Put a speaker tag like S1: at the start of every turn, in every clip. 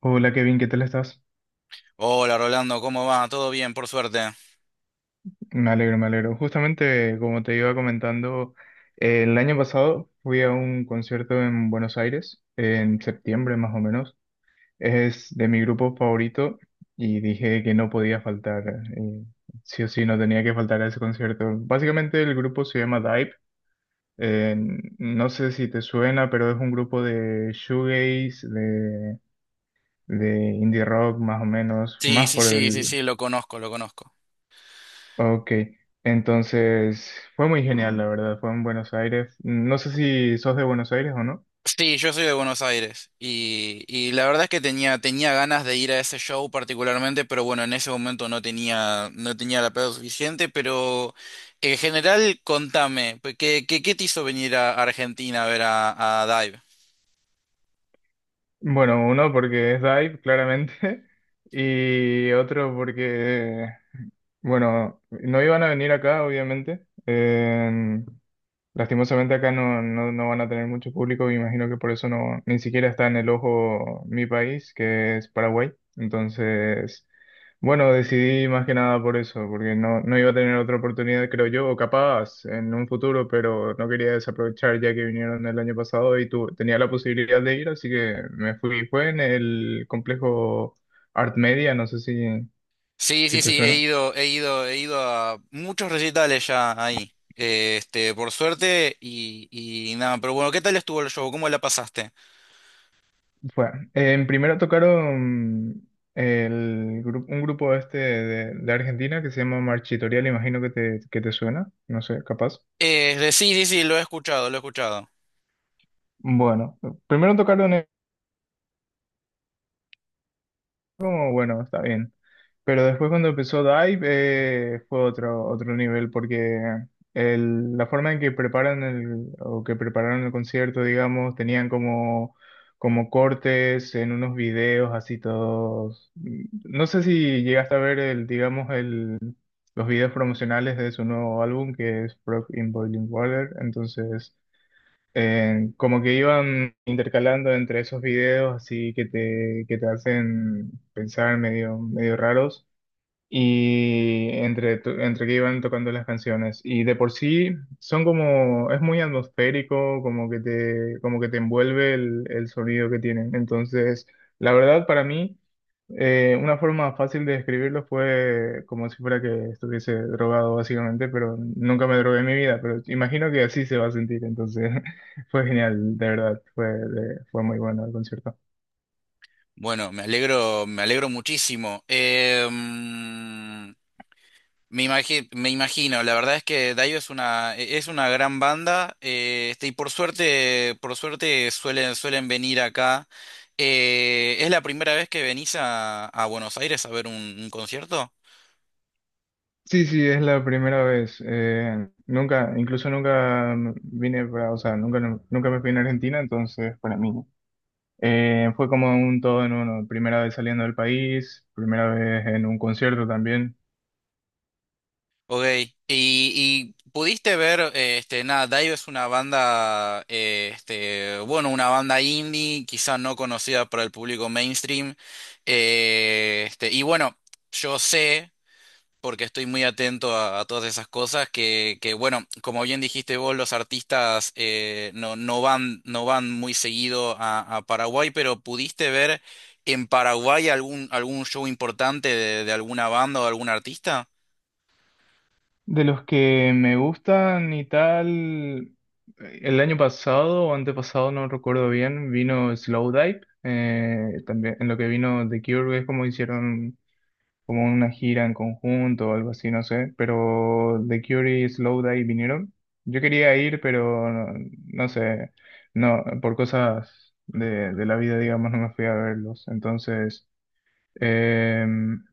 S1: Hola Kevin, ¿qué tal estás?
S2: Hola Rolando, ¿cómo va? ¿Todo bien, por suerte?
S1: Me alegro, me alegro. Justamente, como te iba comentando, el año pasado fui a un concierto en Buenos Aires, en septiembre más o menos. Es de mi grupo favorito y dije que no podía faltar. eh, sí o sí, no tenía que faltar a ese concierto. Básicamente el grupo se llama Dive. eh, no sé si te suena, pero es un grupo de shoegaze, de indie rock más o menos,
S2: Sí,
S1: más
S2: sí,
S1: por
S2: sí, sí,
S1: el.
S2: sí, lo conozco, lo conozco.
S1: Ok, entonces fue muy genial, la verdad, fue en Buenos Aires. No sé si sos de Buenos Aires o no.
S2: Sí, yo soy de Buenos Aires y la verdad es que tenía ganas de ir a ese show particularmente, pero bueno, en ese momento no tenía la plata suficiente, pero en general, contame, pues, ¿qué te hizo venir a Argentina a ver a Dive?
S1: Bueno, uno porque es Dive, claramente, y otro porque, bueno, no iban a venir acá, obviamente. Lastimosamente acá no van a tener mucho público, me imagino que por eso no, ni siquiera está en el ojo mi país, que es Paraguay. Entonces, bueno, decidí más que nada por eso, porque no iba a tener otra oportunidad, creo yo, o capaz en un futuro, pero no quería desaprovechar ya que vinieron el año pasado y tu, tenía la posibilidad de ir, así que me fui. Fue en el complejo Art Media, no sé si,
S2: Sí,
S1: si
S2: sí,
S1: te
S2: sí, he
S1: suena.
S2: ido, he ido, he ido a muchos recitales ya ahí, este, por suerte y nada, pero bueno, ¿qué tal estuvo el show? ¿Cómo la pasaste?
S1: Fue. En primero tocaron un grupo este de Argentina que se llama Marchitoria, le imagino que te suena, no sé, capaz.
S2: Sí, sí, sí, lo he escuchado, lo he escuchado.
S1: Bueno, primero tocaron eso como, bueno, está bien. Pero después cuando empezó Dive fue otro, otro nivel porque la forma en que preparan el, o que prepararon el concierto, digamos, tenían como, como cortes en unos videos así todos. No sé si llegaste a ver el, digamos, el los videos promocionales de su nuevo álbum que es Frog in Boiling Water. Entonces, como que iban intercalando entre esos videos así que te hacen pensar medio, medio raros y entre, entre que iban tocando las canciones. Y de por sí son como, es muy atmosférico, como que te envuelve el sonido que tienen. Entonces, la verdad para mí... Una forma fácil de describirlo fue como si fuera que estuviese drogado básicamente, pero nunca me drogué en mi vida, pero imagino que así se va a sentir, entonces fue genial, de verdad, fue, fue muy bueno el concierto.
S2: Bueno, me alegro muchísimo. Me imagino, la verdad es que Daio es una gran banda, este, y por suerte suelen venir acá. ¿Es la primera vez que venís a Buenos Aires a ver un concierto?
S1: Sí, sí, es la primera vez, nunca, incluso nunca vine para, o sea, nunca, nunca me fui en Argentina, entonces para mí fue como un todo en uno, primera vez saliendo del país, primera vez en un concierto también.
S2: Ok, y pudiste ver, este, nada, Dive es una banda, este, bueno, una banda indie, quizá no conocida por el público mainstream, este, y bueno, yo sé, porque estoy muy atento a todas esas cosas, que bueno, como bien dijiste vos, los artistas no van muy seguido a Paraguay, pero ¿pudiste ver en Paraguay algún show importante de alguna banda o algún artista?
S1: De los que me gustan y tal, el año pasado o antepasado, no recuerdo bien, vino Slowdive, también en lo que vino The Cure, es como hicieron como una gira en conjunto o algo así, no sé, pero The Cure y Slowdive vinieron. Yo quería ir, pero no, no sé, no, por cosas de la vida, digamos, no me fui a verlos, entonces... Em,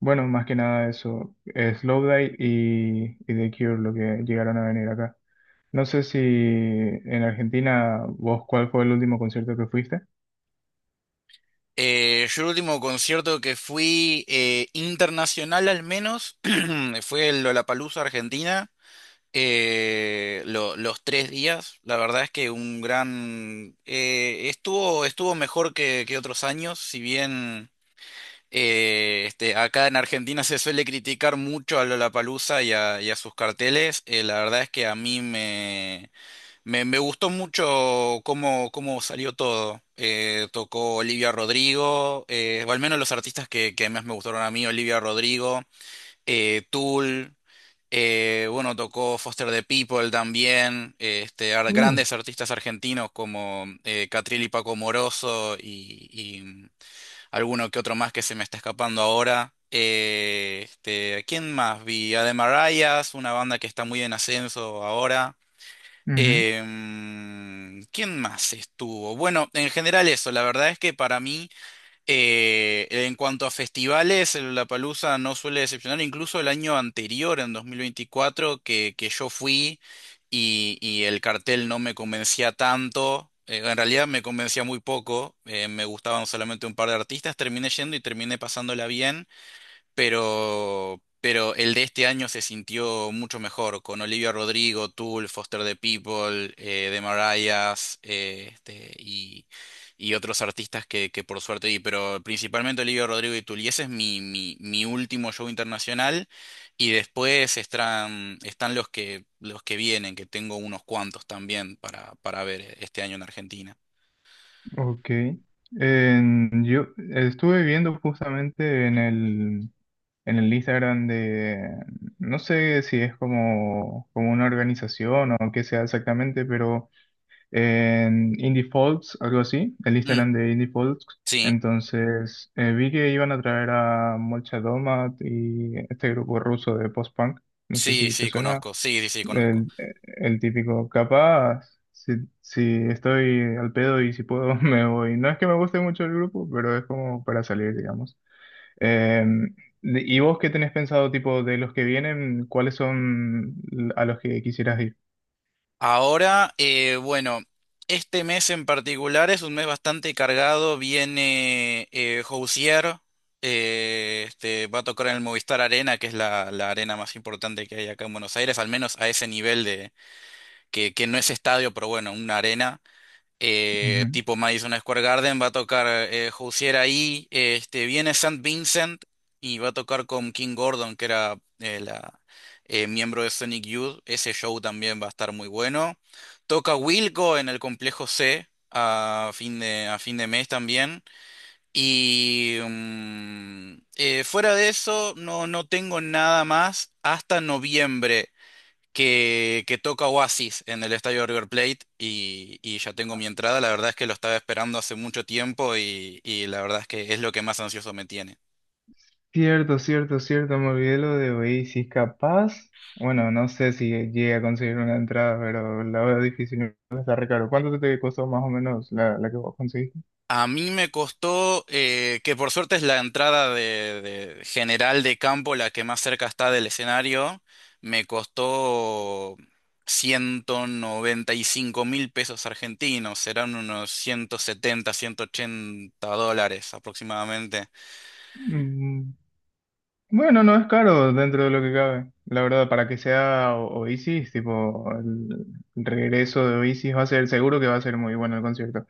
S1: bueno, más que nada eso, Slowdive y The Cure lo que llegaron a venir acá. No sé si en Argentina, vos, ¿cuál fue el último concierto que fuiste?
S2: Yo el último concierto que fui internacional al menos fue el Lollapalooza Argentina. Los 3 días, la verdad es que un gran estuvo mejor que otros años, si bien este, acá en Argentina se suele criticar mucho a Lollapalooza y a sus carteles, la verdad es que a mí me gustó mucho cómo salió todo. Tocó Olivia Rodrigo, o al menos los artistas que más me gustaron a mí, Olivia Rodrigo, Tool, bueno, tocó Foster the People también, este,
S1: Uh,
S2: grandes artistas argentinos como Catriel y Paco Moroso y alguno que otro más que se me está escapando ahora. Este, ¿quién más vi? Ademarayas, una banda que está muy en ascenso ahora.
S1: ujú,
S2: ¿Quién más estuvo? Bueno, en general eso, la verdad es que para mí, en cuanto a festivales, el Lollapalooza no suele decepcionar, incluso el año anterior, en 2024, que yo fui y el cartel no me convencía tanto, en realidad me convencía muy poco, me gustaban solamente un par de artistas, terminé yendo y terminé pasándola bien pero el de este año se sintió mucho mejor, con Olivia Rodrigo, Tool, Foster the People, The Marayas, este, y otros artistas que por suerte vi, pero principalmente Olivia Rodrigo y Tool, y ese es mi último show internacional, y después están los que vienen, que tengo unos cuantos también para ver este año en Argentina.
S1: ok. En, yo estuve viendo justamente en el Instagram de, no sé si es como, como una organización o qué sea exactamente, pero... En Indie Folks, algo así, el
S2: Mm,
S1: Instagram de Indie Folks.
S2: sí,
S1: Entonces vi que iban a traer a Molchat Domat y este grupo ruso de post-punk. No sé
S2: sí,
S1: si te
S2: sí,
S1: suena
S2: conozco, sí, sí, sí, conozco.
S1: el, el típico. Capaz, si, si estoy al pedo y si puedo, me voy. No es que me guste mucho el grupo, pero es como para salir, digamos. Eh, ¿Y vos qué tenés pensado, tipo, de los que vienen, cuáles son a los que quisieras ir?
S2: Ahora, bueno, este mes en particular es un mes bastante cargado. Viene Housier, este, va a tocar en el Movistar Arena, que es la arena más importante que hay acá en Buenos Aires, al menos a ese nivel de que no es estadio, pero bueno, una arena
S1: Ujú.
S2: tipo Madison Square Garden, va a tocar Hozier ahí, este, viene Saint Vincent y va a tocar con King Gordon, que era miembro de Sonic Youth, ese show también va a estar muy bueno. Toca Wilco en el Complejo C a fin de mes también. Y fuera de eso, no tengo nada más hasta noviembre que toca Oasis en el estadio River Plate y ya tengo mi entrada. La verdad es que lo estaba esperando hace mucho tiempo y la verdad es que es lo que más ansioso me tiene.
S1: Cierto, cierto, cierto, me olvidé lo de Oasis, capaz, bueno, no sé si llegué a conseguir una entrada, pero la veo difícil, está re caro. ¿Cuánto te costó más o menos la, la que vos conseguiste?
S2: A mí me costó, que por suerte es la entrada de general de campo, la que más cerca está del escenario, me costó 195 mil pesos argentinos, serán unos 170, US$180 aproximadamente.
S1: Mm, bueno, no es caro dentro de lo que cabe, la verdad, para que sea Oasis, tipo, el regreso de Oasis va a ser, seguro que va a ser muy bueno el concierto.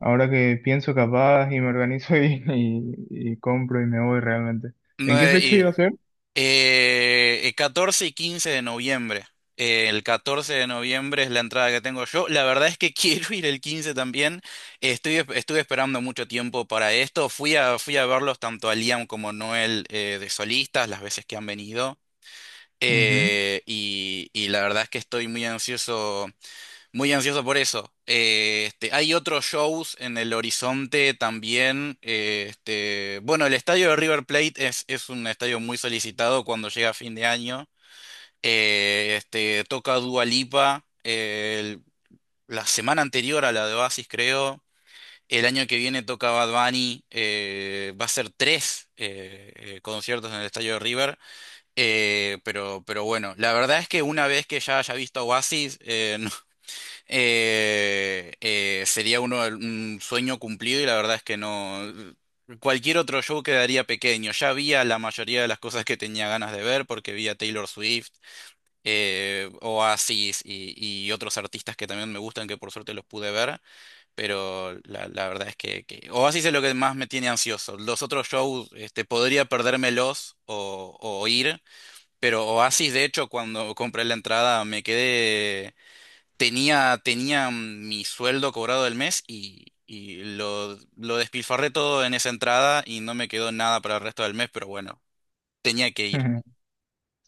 S1: Ahora que pienso capaz y me organizo y compro y me voy realmente.
S2: No,
S1: ¿En qué fecha iba a ser?
S2: 14 y 15 de noviembre. El 14 de noviembre es la entrada que tengo yo. La verdad es que quiero ir el 15 también. Estuve esperando mucho tiempo para esto. Fui a verlos tanto a Liam como a Noel de solistas las veces que han venido.
S1: Ujú.
S2: Y la verdad es que estoy muy ansioso. Muy ansioso por eso. Este, hay otros shows en el horizonte también. Este, bueno, el estadio de River Plate es un estadio muy solicitado cuando llega fin de año. Este, toca Dua Lipa la semana anterior a la de Oasis, creo. El año que viene toca Bad Bunny. Va a ser tres conciertos en el estadio de River. Pero bueno, la verdad es que una vez que ya haya visto a Oasis, sería un sueño cumplido y la verdad es que no. Cualquier otro show quedaría pequeño. Ya había la mayoría de las cosas que tenía ganas de ver porque vi a Taylor Swift, Oasis y otros artistas que también me gustan que por suerte los pude ver, pero la verdad es que Oasis es lo que más me tiene ansioso. Los otros shows, este, podría perdérmelos o ir, pero Oasis de hecho cuando compré la entrada me quedé tenía mi sueldo cobrado del mes y lo despilfarré todo en esa entrada y no me quedó nada para el resto del mes, pero bueno, tenía que ir.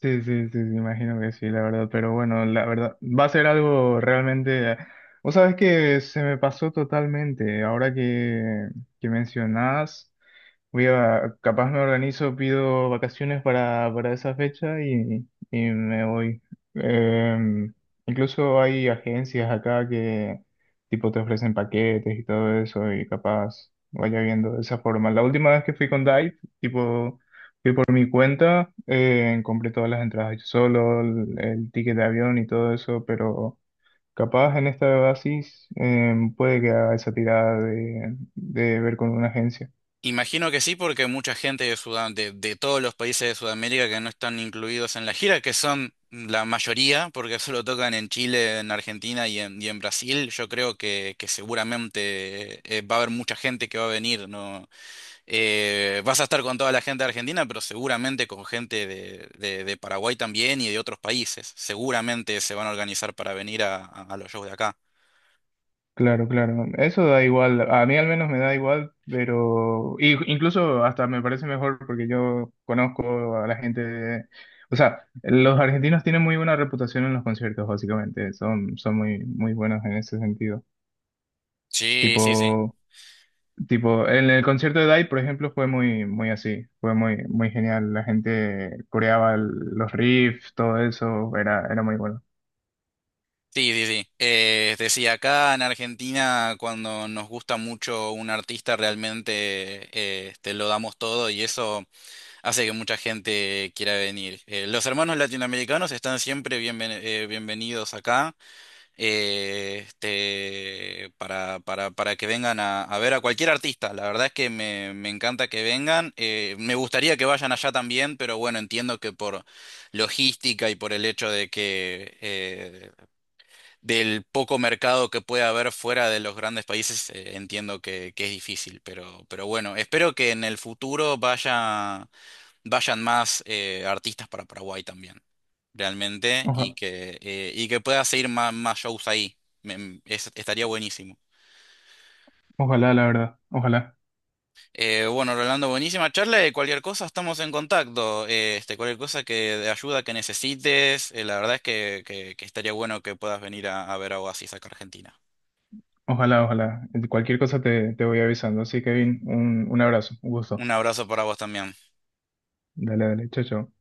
S1: Sí, sí, sí, sí, imagino que sí, la verdad, pero bueno, la verdad, va a ser algo realmente, vos sabés que se me pasó totalmente, ahora que mencionás, voy a, capaz me organizo, pido vacaciones para esa fecha y me voy. Eh, Incluso hay agencias acá que tipo te ofrecen paquetes y todo eso y capaz vaya viendo de esa forma. La última vez que fui con Dive, tipo... Por mi cuenta, compré todas las entradas yo solo, el ticket de avión y todo eso, pero capaz en esta basis puede que haga esa tirada de ver con una agencia.
S2: Imagino que sí, porque mucha gente de todos los países de Sudamérica que no están incluidos en la gira, que son la mayoría, porque solo tocan en Chile, en Argentina y en Brasil, yo creo que seguramente va a haber mucha gente que va a venir, ¿no? Vas a estar con toda la gente de Argentina, pero seguramente con gente de Paraguay también y de otros países. Seguramente se van a organizar para venir a los shows de acá.
S1: Claro, claro. Eso da igual. A mí al menos me da igual, pero incluso hasta me parece mejor porque yo conozco a la gente de. O sea, los argentinos tienen muy buena reputación en los conciertos, básicamente. Son, son muy, muy buenos en ese sentido.
S2: Sí, sí, sí.
S1: Tipo. Tipo, en el concierto de DAI, por ejemplo, fue muy, muy así, fue muy, muy genial. La gente coreaba los riffs, todo eso, era, era muy bueno.
S2: Sí, sí, sí. Es decir, acá en Argentina, cuando nos gusta mucho un artista, realmente este, lo damos todo y eso hace que mucha gente quiera venir. Los hermanos latinoamericanos están siempre bienvenidos acá. Este, para que vengan a ver a cualquier artista. La verdad es que me encanta que vengan. Me gustaría que vayan allá también, pero bueno, entiendo que por logística y por el hecho de que del poco mercado que puede haber fuera de los grandes países, entiendo que es difícil, pero bueno, espero que en el futuro vayan más artistas para Paraguay también, realmente, y
S1: Oja-
S2: que, eh, y que pueda seguir más shows ahí. Estaría buenísimo.
S1: Ojalá, la verdad, ojalá,
S2: Bueno, Rolando, buenísima charla. Y cualquier cosa estamos en contacto. Este, cualquier cosa que de ayuda que necesites, la verdad es que, que estaría bueno que puedas venir a ver a Oasis acá a Argentina.
S1: ojalá, ojalá. Cualquier cosa te, te voy avisando. Así, Kevin, un abrazo, un gusto.
S2: Un abrazo para vos también.
S1: Dale, dale, chao, chao.